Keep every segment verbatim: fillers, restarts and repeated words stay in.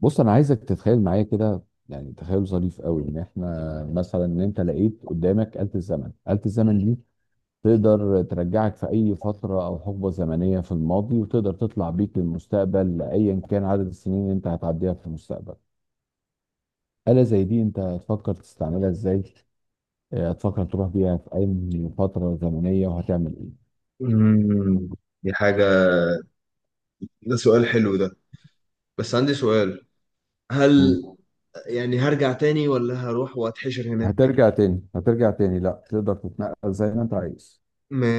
بص انا عايزك تتخيل معايا كده. يعني تخيل ظريف قوي ان احنا مثلا ان انت لقيت قدامك آلة الزمن. آلة الزمن دي تقدر ترجعك في اي فترة او حقبة زمنية في الماضي، وتقدر تطلع بيك للمستقبل ايا كان عدد السنين اللي انت هتعديها في المستقبل. آلة زي دي انت هتفكر تستعملها ازاي؟ آه، هتفكر تروح بيها في اي فترة زمنية وهتعمل ايه؟ امم دي حاجة ده سؤال حلو ده. بس عندي سؤال. مم. هل يعني هرجع تاني ولا هروح واتحشر هناك؟ هترجع تاني، هترجع تاني، لا تقدر تتنقل زي ما انت عايز.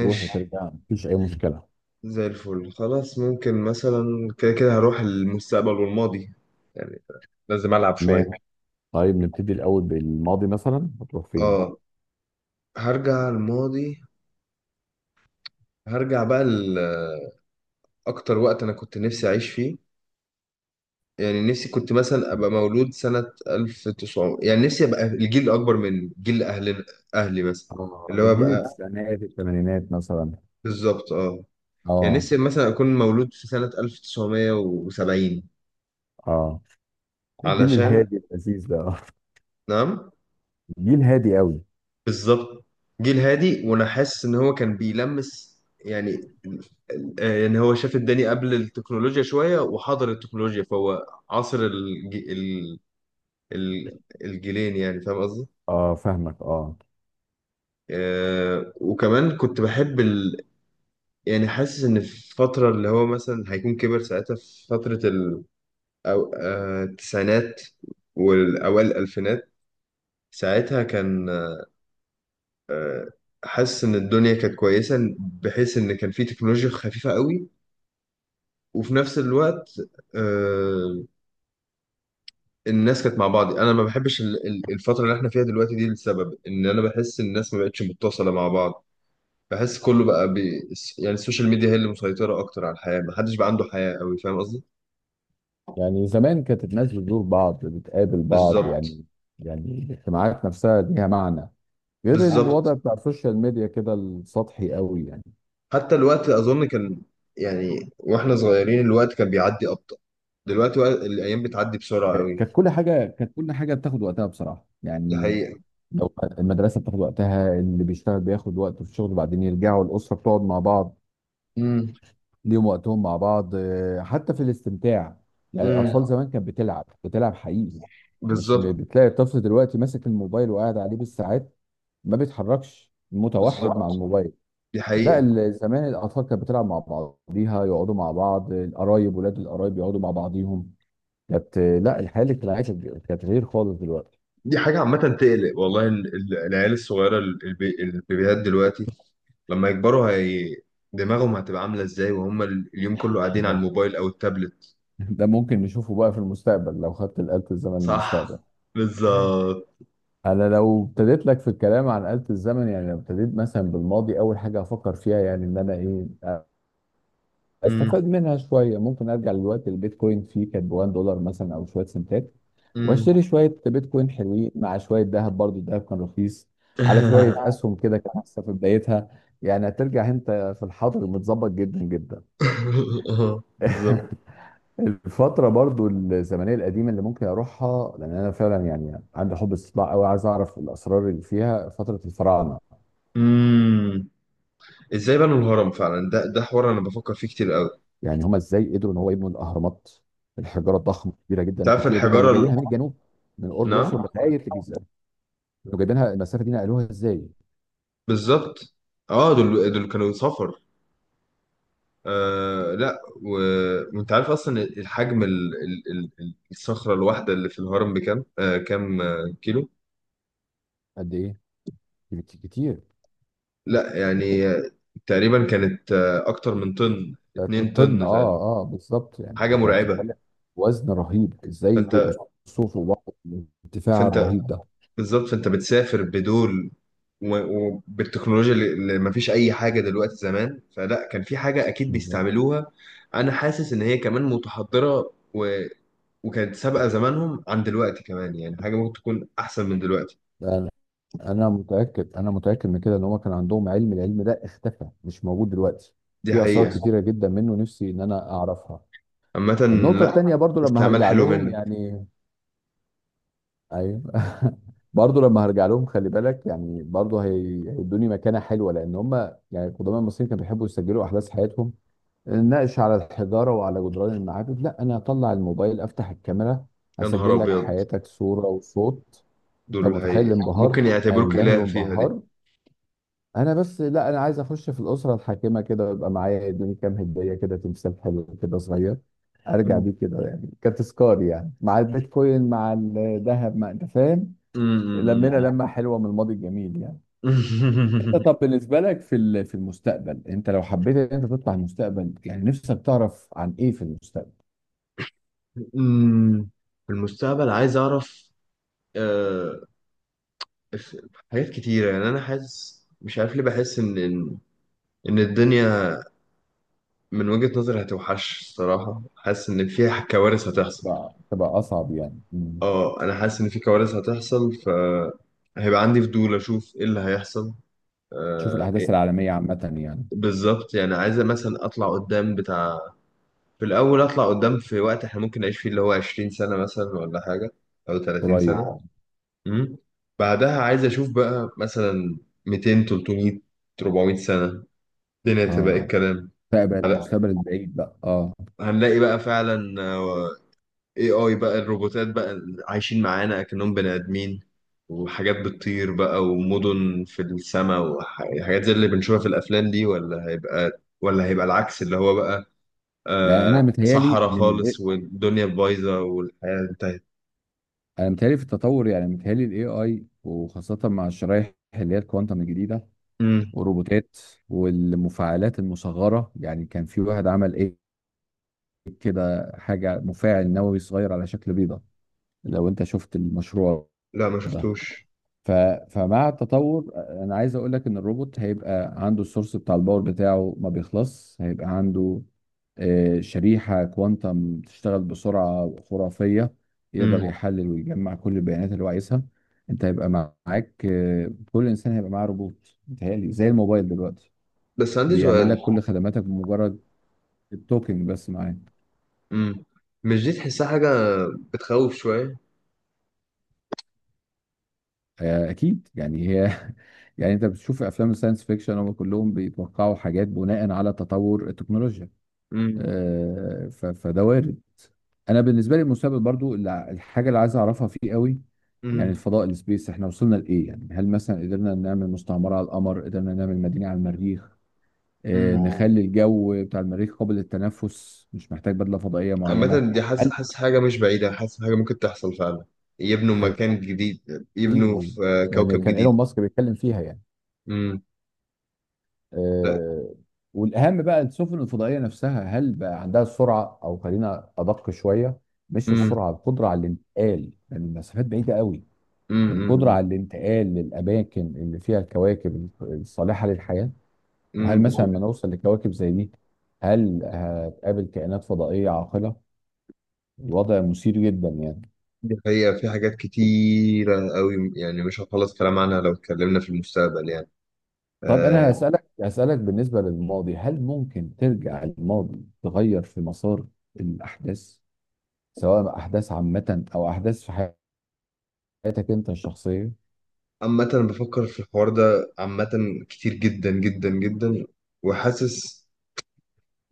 تروح وترجع مفيش اي مشكلة. زي الفل. خلاص ممكن مثلا كده كده هروح المستقبل والماضي. يعني لازم ألعب شوية. طيب نبتدي الأول بالماضي، مثلا هتروح فين؟ اه هرجع الماضي. هرجع بقى لأكتر وقت أنا كنت نفسي أعيش فيه. يعني نفسي كنت مثلا طب- أبقى مولود سنة ألف وتسعمية. يعني نفسي أبقى الجيل الأكبر من جيل أهلنا. أهلي مثلا. اه، اللي هو الجيل أبقى. التسعينات الثمانينات مثلا. بالظبط اه. يعني اه، نفسي مثلا أكون مولود في سنة ألف وتسعمية وسبعين. اه، الجيل علشان. الهادي اللذيذ ده آه. نعم. الجيل هادي قوي. بالظبط. جيل هادي وأنا حاسس إن هو كان بيلمس. يعني آه، يعني هو شاف الدنيا قبل التكنولوجيا شوية وحضر التكنولوجيا فهو عصر الج... ال... ال... الجيلين. يعني فاهم قصدي؟ اه، فاهمك، اه. آه وكمان كنت بحب ال... يعني حاسس إن في الفترة اللي هو مثلا هيكون كبر ساعتها في فترة ال... أو... آه التسعينات والأوائل الألفينات. ساعتها كان حاسس ان الدنيا كانت كويسه بحيث ان كان في تكنولوجيا خفيفه قوي. وفي نفس الوقت آه، الناس كانت مع بعض. انا ما بحبش ال- ال- الفتره اللي احنا فيها دلوقتي دي لسبب ان انا بحس ان الناس ما بقتش متصله مع بعض. بحس كله بقى بي... يعني السوشيال ميديا هي اللي مسيطره اكتر على الحياه. ما حدش بقى عنده حياه قوي. فاهم قصدي؟ يعني زمان كانت الناس بتزور بعض، بتقابل بعض بالظبط. يعني. يعني الاجتماعات نفسها ليها معنى، غير الوضع بالظبط. بتاع السوشيال ميديا كده السطحي قوي يعني. حتى الوقت اظن كان. يعني واحنا صغيرين الوقت كان بيعدي ابطأ. دلوقتي وق- الايام بتعدي بسرعه قوي. كانت كل حاجة كانت كل حاجة بتاخد وقتها بصراحة دي يعني. حقيقه. لو المدرسة بتاخد وقتها، اللي بيشتغل بياخد وقته في الشغل، وبعدين يرجعوا الأسرة بتقعد مع بعض، ليهم وقتهم مع بعض آه، حتى في الاستمتاع. يعني امم الاطفال زمان كانت بتلعب، بتلعب حقيقي. مش م- بالظبط. بتلاقي الطفل دلوقتي ماسك الموبايل وقاعد عليه بالساعات، ما بيتحركش، متوحد بالظبط. مع الموبايل. دي لا حقيقة. ال- زمان الاطفال كانت بتلعب مع بعضيها، يقعدوا مع بعض القرايب، ولاد القرايب يقعدوا مع بعضيهم. كانت آه، لا، الحياه الاجتماعيه كانت كانت غير خالص دلوقتي. دي حاجة عامة تقلق والله. ال- ال- العيال الصغيرة ال- الب- البيبيهات دلوقتي لما يكبروا هي دماغهم هتبقى عاملة ازاي؟ وهم ال- اليوم كله قاعدين على ده الموبايل أو التابلت. ده ممكن نشوفه بقى في المستقبل لو خدت الآلة الزمن للمستقبل. صح. بالظبط. انا لو ابتديت لك في الكلام عن آلة الزمن، يعني لو ابتديت مثلا بالماضي، اول حاجة هفكر فيها يعني ان انا ايه، امم استفاد منها شوية. ممكن ارجع للوقت البيتكوين فيه كانت ب واحد دولار مثلا او شوية سنتات، امم واشتري شوية بيتكوين حلوين مع شوية ذهب، برضو الذهب كان رخيص، على شوية اسهم كده كانت لسه في بدايتها. يعني هترجع انت في الحاضر متظبط جدا جدا. آه، بالظبط. الفترة برضو الزمنية القديمة اللي ممكن أروحها، لأن أنا فعلا يعني عندي حب استطلاع أوي، عايز أعرف الأسرار اللي فيها، فترة الفراعنة. امم ازاي بنوا الهرم فعلا؟ ده ده حوار انا بفكر فيه كتير قوي. يعني هما ازاي قدروا ان هو يبنوا الاهرامات؟ الحجاره الضخمه الكبيره جدا انت عارف الكتيره جدا اللي الحجاره ال... جايبينها من الجنوب، من قرب الاقصر نعم. لغايه الجيزه، كانوا جايبينها المسافه دي، نقلوها ازاي؟ بالظبط. اه دول دول كانوا سفر. آه لا و... وانت عارف اصلا الحجم ال... ال... ال... ال- الصخره الواحده اللي في الهرم بكام آه كام آه، كيلو؟ قد ايه؟ كت- كتير. لا يعني آه، تقريبا كانت آه اكتر من طن 2 طن، طن تقريبا. اه اه، بالظبط، يعني حاجه انت مرعبه. بتتكلم وزن رهيب، ازاي فانت. الرصوف وبعض الارتفاع فانت. الرهيب ده. بالظبط. فانت بتسافر بدول. و... وبالتكنولوجيا اللي اللي ما فيش اي حاجه دلوقتي زمان. فلا كان في حاجه اكيد بالظبط. بيستعملوها. انا حاسس ان هي كمان متحضره و... وكانت سابقه زمانهم عن دلوقتي كمان. يعني حاجه ممكن تكون احسن من دلوقتي. ده انا متاكد، انا متاكد من كده ان هما كان عندهم علم، العلم ده اختفى مش موجود دلوقتي. دي في اسرار حقيقة. كتيره جدا منه نفسي ان انا اعرفها. عامة. النقطه لا، التانيه برضو لما استعمال هرجع حلو لهم منك. يعني، ايوه، برضه لما هرجع لهم خلي بالك يعني، برضه هي- هيدوني مكانه حلوه، لان هم يعني القدماء المصريين كانوا بيحبوا يسجلوا احداث حياتهم، نناقش على الحجاره وعلى جدران المعابد. لا، انا اطلع الموبايل، افتح الكاميرا، يا نهار اسجل لك أبيض. حياتك صوره وصوت. انت دول هي متخيل الانبهار؟ ممكن يعتبروك إله هينبهر فيها دي. وانبهار. انا بس لا، انا عايز اخش في الاسره الحاكمه كده ويبقى معايا، يدوني كام هديه كده، تمثال حلو كده صغير، ارجع م- بيه كده يعني كتذكار، يعني مع البيتكوين مع الذهب، مع انت فاهم. م- لمينا م- لمة حلوة من الماضي الجميل يعني. انت طب بالنسبة لك في ال- في المستقبل، انت لو حبيت ان انت تطلع المستقبل، يعني نفسك تعرف عن ايه في المستقبل؟ م. في المستقبل عايز أعرف. آه، ف- حاجات كتيرة يعني. أنا حاسس مش عارف ليه بحس إن إن إن الدنيا من وجهة نظري هتوحش الصراحة. حاسس إن فيها كوارث هتحصل. تبقى تبقى اصعب يعني، مم. أه أنا حاسس إن في كوارث هتحصل فهيبقى عندي فضول أشوف إيه اللي هيحصل. تشوف آه، الاحداث العالمية عامة يعني. بالظبط. يعني عايزة مثلا أطلع قدام بتاع. في الأول أطلع قدام في وقت إحنا ممكن نعيش فيه اللي هو 20 سنة مثلا ولا حاجة أو 30 سنة. قريب اه. يعني. امم بعدها عايز أشوف بقى مثلا ميتين تلتمية 400 سنة الدنيا تبقى إيه اه، الكلام. مستقبل هلا- المستقبل البعيد بقى، اه. هنلاقي بقى فعلا آه، اي اي بقى الروبوتات بقى عايشين معانا أكنهم بني آدمين. وحاجات بتطير بقى ومدن في السماء وحاجات زي اللي بنشوفها في الأفلام دي. ولا هيبقى ولا هيبقى العكس. اللي هو بقى يعني انا آه متهيالي صحراء ان خالص ال- والدنيا بايظة والحياة انتهت. انا متهيالي في التطور، يعني متهيالي الاي اي، وخاصة مع الشرايح اللي هي الكوانتم الجديدة، امم والروبوتات، والمفاعلات المصغرة. يعني كان في واحد عمل كده حاجة، مفاعل نووي صغير على شكل بيضة، لو انت شفت المشروع لا ما ده. شفتوش. ف... فمع التطور انا عايز اقول لك ان الروبوت هيبقى عنده السورس بتاع الباور بتاعه، ما بيخلص، هيبقى عنده آه، شريحة كوانتم تشتغل بسرعة خرافية، يقدر امم يحلل ويجمع كل البيانات اللي هو عايزها. انت هيبقى معاك آه، كل انسان هيبقى معاه روبوت، متهيألي زي الموبايل دلوقتي، بس عندي بيعمل سؤال. لك كل خدماتك بمجرد التوكينج بس معاه. امم مش دي تحسها حاجة بتخوف شوية؟ آه، اكيد يعني، هي يعني انت بتشوف افلام الساينس فيكشن، هم كلهم بيتوقعوا حاجات بناء على تطور التكنولوجيا. امم آه، ف- فده وارد. انا بالنسبه لي المستقبل برضو، اللي- الحاجه اللي عايز اعرفها فيه قوي، يعني امم الفضاء، السبيس، احنا وصلنا لايه؟ يعني هل مثلا قدرنا نعمل مستعمره على القمر؟ قدرنا نعمل مدينه على المريخ؟ آه، امم نخلي الجو بتاع المريخ قابل للتنفس، مش محتاج بدله فضائيه معينه؟ عامة دي حاسس هل حاسس حاجة مش بعيدة. حاسس حاجة ممكن تحصل فعلا. يبنوا حقيقي، مكان جديد. يبنوا في آه، يعني كوكب كان جديد. ايلون ماسك بيتكلم فيها يعني. امم لا. آه، والاهم بقى السفن الفضائيه نفسها، هل بقى عندها السرعه، او خلينا ادق شويه، مش امم السرعه، القدره على الانتقال، لان المسافات بعيده قوي. القدره امم على الانتقال للاماكن اللي فيها الكواكب الصالحه للحياه. وهل امم بس. مثلا لما نوصل لكواكب زي دي، هل هتقابل كائنات فضائيه عاقله؟ الوضع مثير جدا يعني. دي حقيقة. في حاجات كتيرة قوي يعني مش هنخلص كلام عنها لو اتكلمنا في المستقبل يعني. طب انا آه. هسالك هسالك بالنسبه للماضي، هل ممكن ترجع الماضي تغير في مسار الاحداث، سواء احداث عامه او احداث في حياتك انت الشخصيه؟ عامة أنا بفكر في الحوار ده عامة كتير جدا جدا جدا. وحاسس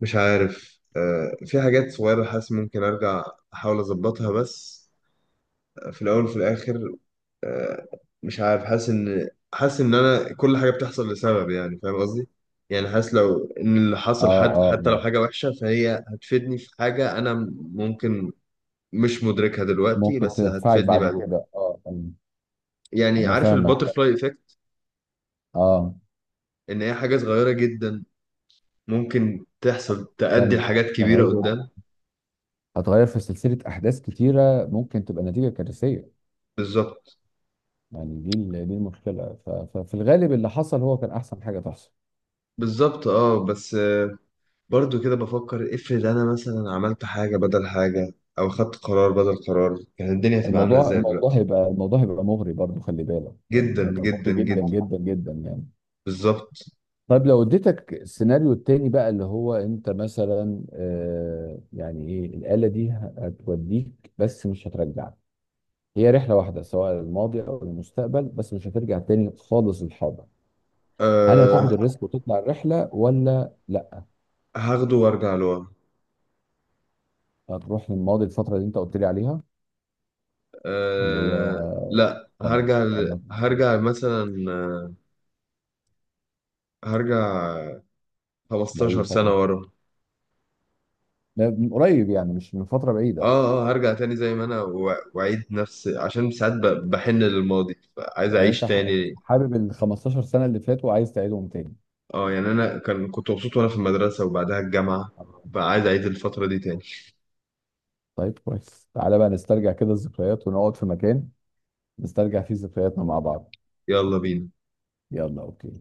مش عارف آه، في حاجات صغيرة حاسس ممكن أرجع أحاول أظبطها. بس آه، في الأول وفي الآخر آه، مش عارف. حاسس إن حاسس إن أنا كل حاجة بتحصل لسبب. يعني فاهم قصدي؟ يعني حاسس لو إن اللي حصل اه، حد اه، حتى لو حاجة وحشة فهي هتفيدني في حاجة أنا. ممكن مش مدركها دلوقتي ممكن بس تدفعك هتفيدني بعد بعدين. كده، اه آه. يعني انا عارف فاهمك، الباترفلاي إيفكت. اه. إن هي حاجة صغيرة جدا ممكن تحصل تأدي تعمل لحاجات كبيرة تغير، قدام. هتغير في سلسله احداث كتيره، ممكن تبقى نتيجه كارثيه. بالظبط. يعني دي ال- دي المشكله. ف- ففي الغالب اللي حصل هو كان احسن حاجه تحصل. بالظبط اه. بس برضو كده بفكر افرض انا مثلا عملت حاجة بدل حاجة او خدت قرار بدل قرار كانت الدنيا هتبقى عاملة الموضوع ازاي الموضوع دلوقتي؟ هيبقى الموضوع هيبقى مغري برضه، خلي بالك جدا يعني، هيبقى جدا مغري جدا جدا. جدا جدا يعني. بالظبط. طيب لو اديتك السيناريو التاني بقى، اللي هو انت مثلا آه، يعني ايه، الآلة دي هتوديك بس مش هترجعك، هي رحلة واحدة، سواء الماضي او المستقبل، بس مش هترجع تاني خالص للحاضر. هل هتاخد أه الريسك وتطلع الرحلة ولا لا؟ هاخده وارجع لورا. هتروح للماضي، الفترة اللي انت قلت لي عليها، اللي أه هي، لا تمام هرجع ل... ولا؟ هرجع مثلا آه، هرجع لأي 15 سنة فترة؟ ورا. لا، من قريب يعني، مش من فترة بعيدة. اه اه هرجع تاني زي ما انا و- واعيد نفس عشان ساعات ب- بحن للماضي عايز يعني اعيش انت ح- تاني. حابب ال خمستاشر سنة اللي فاتوا وعايز تعيدهم اه يعني انا كان كنت مبسوط وانا في المدرسة وبعدها الجامعة. تاني؟ فعايز اعيد الفترة دي تاني. طيب كويس، تعالى بقى نسترجع كده الذكريات، ونقعد في مكان نسترجع فيه ذكرياتنا مع بعض. يلا بينا. يلا اوكي.